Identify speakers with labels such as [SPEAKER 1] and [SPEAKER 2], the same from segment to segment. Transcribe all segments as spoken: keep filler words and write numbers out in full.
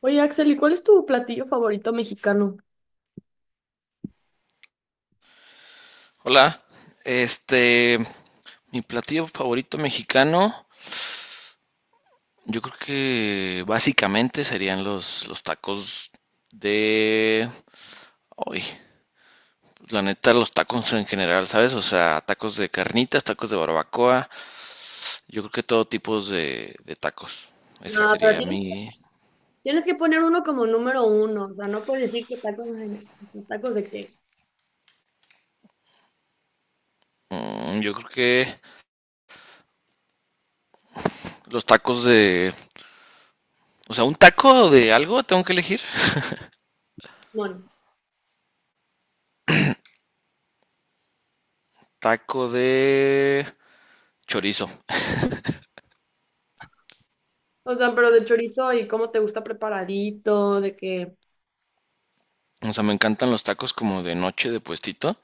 [SPEAKER 1] Oye, Axel, ¿y cuál es tu platillo favorito mexicano?
[SPEAKER 2] Hola, este, mi platillo favorito mexicano, yo creo que básicamente serían los, los tacos de... Ay, la neta, los tacos en general, ¿sabes? O sea, tacos de carnitas, tacos de barbacoa, yo creo que todo tipo de, de tacos. Ese
[SPEAKER 1] No, pero
[SPEAKER 2] sería
[SPEAKER 1] tienes que,
[SPEAKER 2] mi...
[SPEAKER 1] tienes que poner uno como número uno, o sea, no puedes decir que tacos de, o sea, tacos de qué.
[SPEAKER 2] Mm, yo creo que los tacos de... O sea, un taco de algo tengo que elegir.
[SPEAKER 1] Bueno,
[SPEAKER 2] Taco de chorizo.
[SPEAKER 1] o sea, pero de chorizo y cómo te gusta preparadito, de que...
[SPEAKER 2] O sea, me encantan los tacos como de noche de puestito.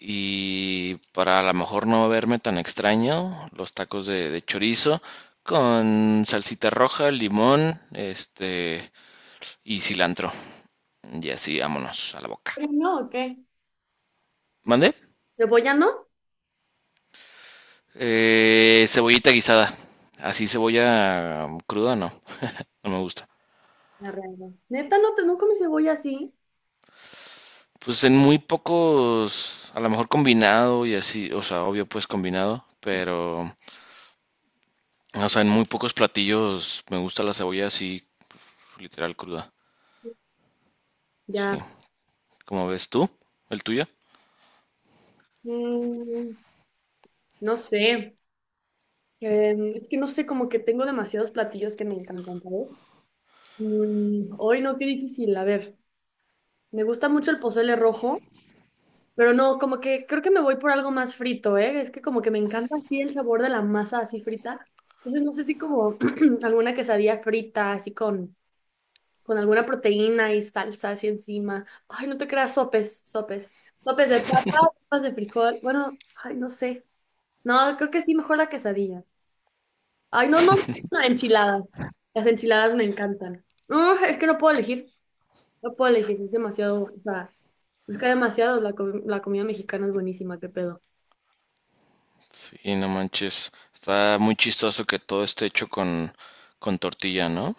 [SPEAKER 2] Y para a lo mejor no verme tan extraño, los tacos de, de chorizo con salsita roja, limón, este y cilantro. Y así, vámonos a la boca.
[SPEAKER 1] Eh, No, ¿o qué?
[SPEAKER 2] ¿Mande?
[SPEAKER 1] ¿Cebolla no?
[SPEAKER 2] Eh, cebollita guisada. Así cebolla cruda, no. No me gusta.
[SPEAKER 1] La realidad. Neta, no te no comes cebolla así.
[SPEAKER 2] Pues en muy pocos, a lo mejor combinado y así, o sea, obvio pues combinado, pero, o sea, en muy pocos platillos me gusta la cebolla así, pues, literal cruda. Sí.
[SPEAKER 1] Ya.
[SPEAKER 2] Como ves tú, el tuyo.
[SPEAKER 1] Mm, no sé. Em, es que no sé, como que tengo demasiados platillos que me encantan, ¿sabes? Mm, hoy no, qué difícil. A ver, me gusta mucho el pozole rojo, pero no, como que creo que me voy por algo más frito, ¿eh? Es que como que me encanta así el sabor de la masa así frita. Entonces no sé si como alguna quesadilla frita, así con, con alguna proteína y salsa así encima. Ay, no te creas, sopes, sopes. Sopes de papa, sopas de frijol. Bueno, ay, no sé. No, creo que sí, mejor la quesadilla. Ay, no, no, no, enchiladas. Las enchiladas me encantan. No, es que no puedo elegir. No puedo elegir, es demasiado. O sea, es que demasiado. La, comi- la comida mexicana es buenísima, qué pedo.
[SPEAKER 2] Sí, no manches, está muy chistoso que todo esté hecho con, con tortilla, ¿no?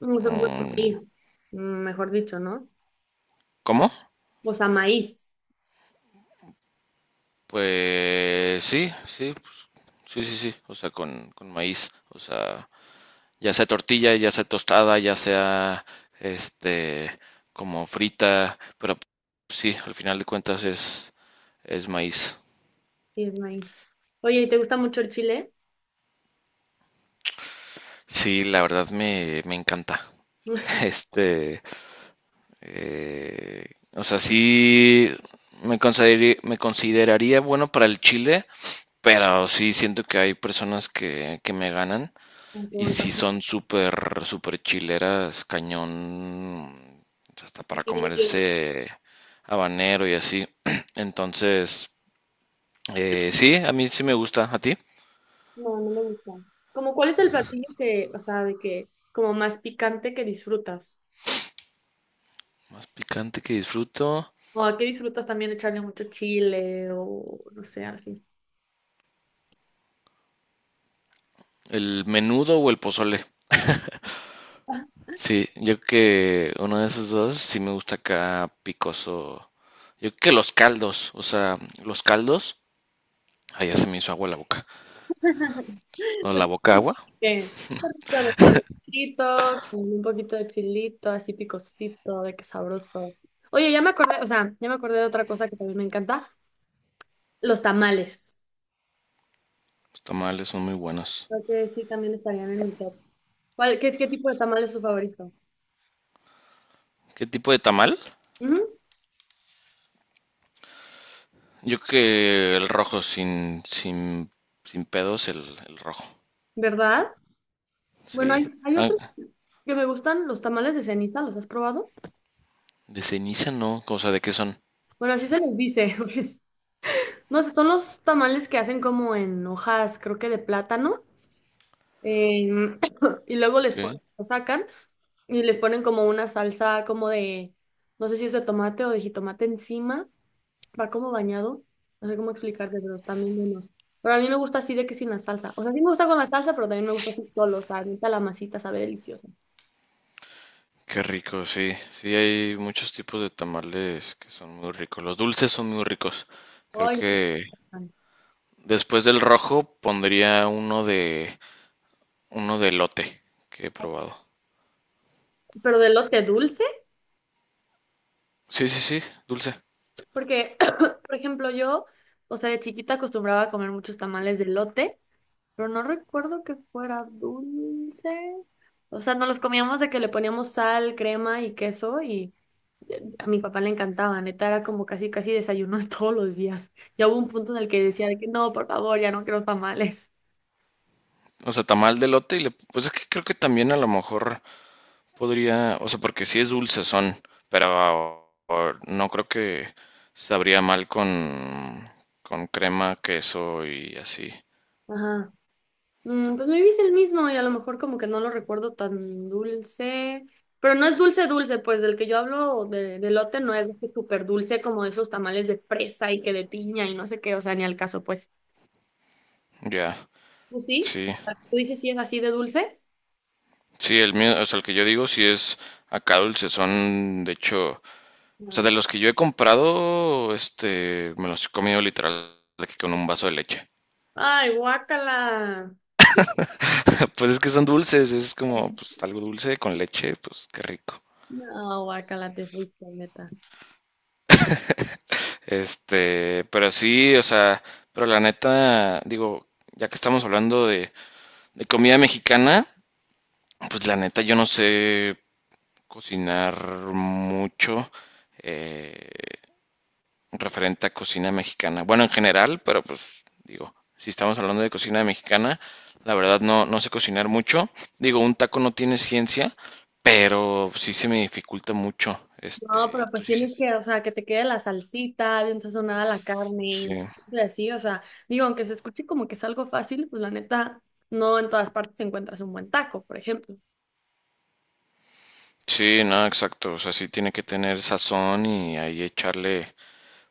[SPEAKER 1] Mm, o sea, bueno,
[SPEAKER 2] Mm,
[SPEAKER 1] maíz, mm, mejor dicho, ¿no?
[SPEAKER 2] ¿cómo?
[SPEAKER 1] O sea, maíz.
[SPEAKER 2] Pues sí, sí, pues, sí, sí, sí, o sea, con, con maíz, o sea, ya sea tortilla, ya sea tostada, ya sea, este, como frita, pero pues, sí, al final de cuentas es, es maíz.
[SPEAKER 1] Sí, es maíz. Oye, ¿y te gusta mucho el chile?
[SPEAKER 2] Sí, la verdad me, me encanta. Este, Eh, o sea, sí me consideraría, me consideraría bueno para el Chile, pero sí siento que hay personas que, que me ganan
[SPEAKER 1] Me
[SPEAKER 2] y
[SPEAKER 1] pregunta.
[SPEAKER 2] sí son súper, súper chileras, cañón, hasta para comerse habanero y así. Entonces, eh, sí, a mí sí me gusta. ¿A ti?
[SPEAKER 1] No, no me gusta. Como, ¿cuál es el platillo que, o sea, de que, como más picante que disfrutas?
[SPEAKER 2] Más picante que disfruto.
[SPEAKER 1] ¿O a qué disfrutas también echarle mucho chile o no sé, así?
[SPEAKER 2] ¿El menudo o el pozole? Sí, yo creo que uno de esos dos sí me gusta acá picoso. Yo creo que los caldos, o sea, los caldos. Ay, ya se me hizo agua la boca. O la
[SPEAKER 1] Pues
[SPEAKER 2] boca
[SPEAKER 1] sí,
[SPEAKER 2] agua.
[SPEAKER 1] que un poquito de chilito, con un poquito de chilito, así picosito, de que sabroso. Oye, ya me acordé, o sea, ya me acordé de otra cosa que también me encanta, los tamales.
[SPEAKER 2] Los tamales son muy buenos.
[SPEAKER 1] Creo que sí, también estarían en el top. ¿Cuál, qué, qué tipo de tamal es su favorito?
[SPEAKER 2] ¿Qué tipo de tamal?
[SPEAKER 1] Ujú,
[SPEAKER 2] Yo creo que el rojo sin, sin, sin pedos, el, el rojo.
[SPEAKER 1] ¿verdad? Bueno,
[SPEAKER 2] Sí.
[SPEAKER 1] hay, hay
[SPEAKER 2] Ah,
[SPEAKER 1] otros que me gustan, los tamales de ceniza, ¿los has probado?
[SPEAKER 2] de ceniza no, o sea, ¿de qué son?
[SPEAKER 1] Bueno, así se les dice, pues. No sé, son los tamales que hacen como en hojas, creo que de plátano. Eh, y luego les
[SPEAKER 2] ¿Qué?
[SPEAKER 1] pon- lo sacan y les ponen como una salsa como de, no sé si es de tomate o de jitomate encima, va como bañado, no sé cómo explicarte, pero están bien buenos. Pero a mí me gusta así de que sin la salsa. O sea, sí me gusta con la salsa, pero también me gusta así solo, o sea, neta la masita sabe deliciosa.
[SPEAKER 2] Qué rico, sí. Sí, hay muchos tipos de tamales que son muy ricos. Los dulces son muy ricos. Creo
[SPEAKER 1] Ay, me
[SPEAKER 2] que
[SPEAKER 1] encantan.
[SPEAKER 2] después del rojo pondría uno de uno de elote que he probado.
[SPEAKER 1] Pero de lote dulce.
[SPEAKER 2] Sí, sí, sí, dulce.
[SPEAKER 1] Porque, por ejemplo, yo, o sea, de chiquita acostumbraba a comer muchos tamales de lote, pero no recuerdo que fuera dulce. O sea, no los comíamos de que le poníamos sal, crema y queso y eh, a mi papá le encantaba, neta, era como casi, casi desayuno todos los días. Ya hubo un punto en el que decía de que no, por favor, ya no quiero tamales.
[SPEAKER 2] O sea, tamal de elote y le, pues es que creo que también a lo mejor podría, o sea, porque sí es dulce son, pero o- no creo que sabría mal con con crema, queso y así.
[SPEAKER 1] Ajá. Mm, pues maybe es el mismo y a lo mejor como que no lo recuerdo tan dulce. Pero no es dulce dulce, pues del que yo hablo de, de elote no es súper dulce como de esos tamales de fresa y que de piña y no sé qué, o sea, ni al caso, pues.
[SPEAKER 2] Ya.
[SPEAKER 1] ¿Tú sí?
[SPEAKER 2] Sí.
[SPEAKER 1] ¿Tú dices si es así de dulce?
[SPEAKER 2] Sí, el mío, o sea, el que yo digo sí es acá dulce son, de hecho. O sea, de
[SPEAKER 1] Mm.
[SPEAKER 2] los que yo he comprado, este, me los he comido literal de que con un vaso de leche.
[SPEAKER 1] Ay, guácala.
[SPEAKER 2] Pues es que son dulces, es como pues algo dulce con leche, pues qué rico.
[SPEAKER 1] No, guácala, te fuiste, neta.
[SPEAKER 2] Este, pero sí, o sea, pero la neta, digo, ya que estamos hablando de, de comida mexicana, pues la neta yo no sé cocinar mucho. Eh, referente a cocina mexicana. Bueno, en general, pero pues digo, si estamos hablando de cocina mexicana, la verdad no, no sé cocinar mucho. Digo, un taco no tiene ciencia, pero sí se me dificulta mucho.
[SPEAKER 1] No,
[SPEAKER 2] Este,
[SPEAKER 1] pero
[SPEAKER 2] tú
[SPEAKER 1] pues
[SPEAKER 2] sí,
[SPEAKER 1] tienes que, o sea, que te quede la salsita, bien sazonada la carne,
[SPEAKER 2] sí,
[SPEAKER 1] y así, o sea, digo, aunque se escuche como que es algo fácil, pues la neta, no en todas partes encuentras un buen taco, por ejemplo.
[SPEAKER 2] sí, no, exacto. O sea, sí tiene que tener sazón y ahí echarle,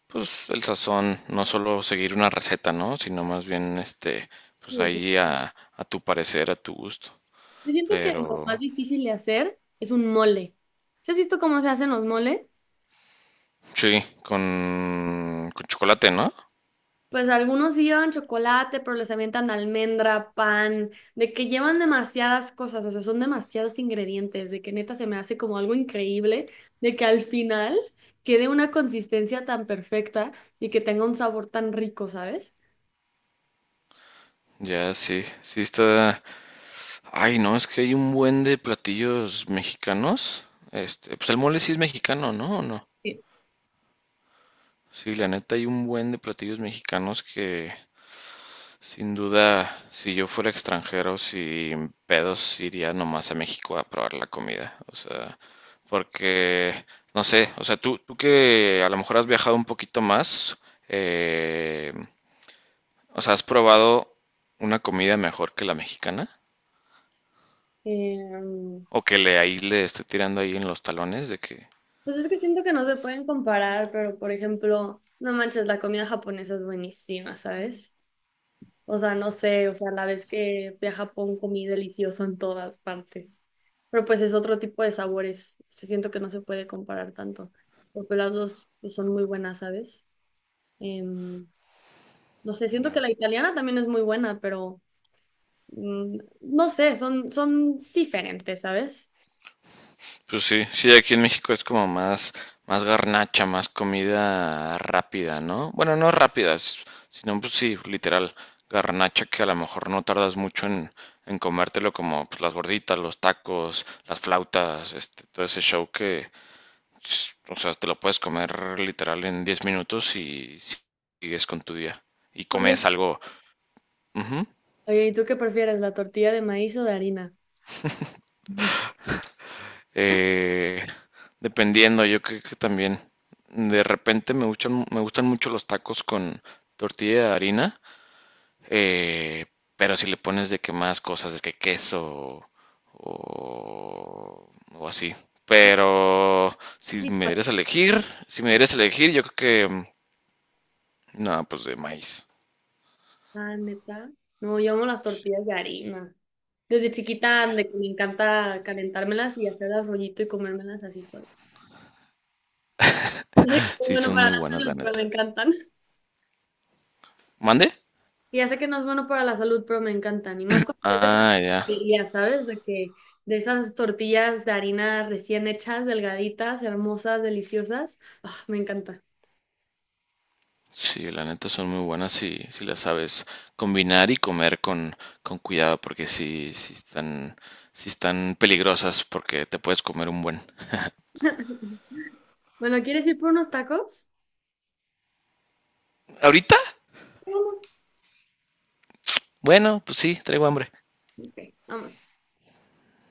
[SPEAKER 2] pues, el sazón, no solo seguir una receta, ¿no? Sino más bien, este, pues
[SPEAKER 1] Sí, sí.
[SPEAKER 2] ahí a, a tu parecer, a tu gusto.
[SPEAKER 1] Yo siento que lo
[SPEAKER 2] Pero
[SPEAKER 1] más difícil de hacer es un mole. ¿Sí has visto cómo se hacen los moles?
[SPEAKER 2] sí, con, con chocolate, ¿no?
[SPEAKER 1] Pues algunos sí llevan chocolate, pero les avientan almendra, pan, de que llevan demasiadas cosas, o sea, son demasiados ingredientes, de que neta se me hace como algo increíble, de que al final quede una consistencia tan perfecta y que tenga un sabor tan rico, ¿sabes?
[SPEAKER 2] Ya, sí, sí está. Ay, no, es que hay un buen de platillos mexicanos. Este, pues el mole sí es mexicano, ¿no? ¿O no?
[SPEAKER 1] Sí.
[SPEAKER 2] Sí, la neta hay un buen de platillos mexicanos que sin duda, si yo fuera extranjero, sin pedos iría nomás a México a probar la comida. O sea, porque, no sé, o sea, tú, tú que a lo mejor has viajado un poquito más, eh, o sea, ¿has probado una comida mejor que la mexicana?
[SPEAKER 1] Em,
[SPEAKER 2] O que le ahí le esté tirando ahí en los talones de que
[SPEAKER 1] pues es que siento que no se pueden comparar, pero por ejemplo, no manches, la comida japonesa es buenísima, ¿sabes? O sea, no sé, o sea, la vez que fui a Japón comí delicioso en todas partes. Pero pues es otro tipo de sabores. Sí, siento que no se puede comparar tanto. Pero pues las dos pues, son muy buenas, ¿sabes? Em, no sé, siento que
[SPEAKER 2] ya.
[SPEAKER 1] la italiana también es muy buena, pero mm, no sé, son, son diferentes, ¿sabes?
[SPEAKER 2] Pues sí, sí, aquí en México es como más, más garnacha, más comida rápida, ¿no? Bueno, no rápida, s- sino pues sí, literal, garnacha que a lo mejor no tardas mucho en, en comértelo como pues, las gorditas, los tacos, las flautas, este, todo ese show que, s- o sea, te lo puedes comer literal en diez minutos y sigues con tu día. Y
[SPEAKER 1] Oye,
[SPEAKER 2] comes algo, ujú.
[SPEAKER 1] oye, ¿y tú qué prefieres, la tortilla de maíz o de harina?
[SPEAKER 2] Eh, dependiendo, yo creo que también de repente me gustan, me gustan mucho los tacos con tortilla de harina, eh, pero si le pones de que más cosas, de que queso o, o así.
[SPEAKER 1] No,
[SPEAKER 2] Pero si
[SPEAKER 1] sí,
[SPEAKER 2] me
[SPEAKER 1] pa-
[SPEAKER 2] dieras a elegir, si me dieras a elegir, yo creo que mm, no, pues de maíz.
[SPEAKER 1] ah, neta. No, yo amo las
[SPEAKER 2] Sí,
[SPEAKER 1] tortillas de harina. Desde chiquita, de que me encanta calentármelas y hacerlas rollito y comérmelas así sola. Ya sé que no es
[SPEAKER 2] sí,
[SPEAKER 1] bueno
[SPEAKER 2] son
[SPEAKER 1] para
[SPEAKER 2] muy
[SPEAKER 1] la
[SPEAKER 2] buenas, la
[SPEAKER 1] salud, pero
[SPEAKER 2] neta.
[SPEAKER 1] me encantan.
[SPEAKER 2] ¿Mande?
[SPEAKER 1] Y ya sé que no es bueno para la salud, pero me encantan. Y más cuando es de una
[SPEAKER 2] Ah, ya.
[SPEAKER 1] tortillería, ¿sabes? De que de esas tortillas de harina recién hechas, delgaditas, hermosas, deliciosas. Ah, me encanta.
[SPEAKER 2] Sí, la neta son muy buenas si, si las sabes combinar y comer con, con cuidado, porque sí, sí están, sí están peligrosas porque te puedes comer un buen.
[SPEAKER 1] Bueno, ¿quieres ir por unos tacos?
[SPEAKER 2] ¿Ahorita?
[SPEAKER 1] Sí, vamos.
[SPEAKER 2] Bueno, pues sí, traigo hambre.
[SPEAKER 1] Ok, vamos.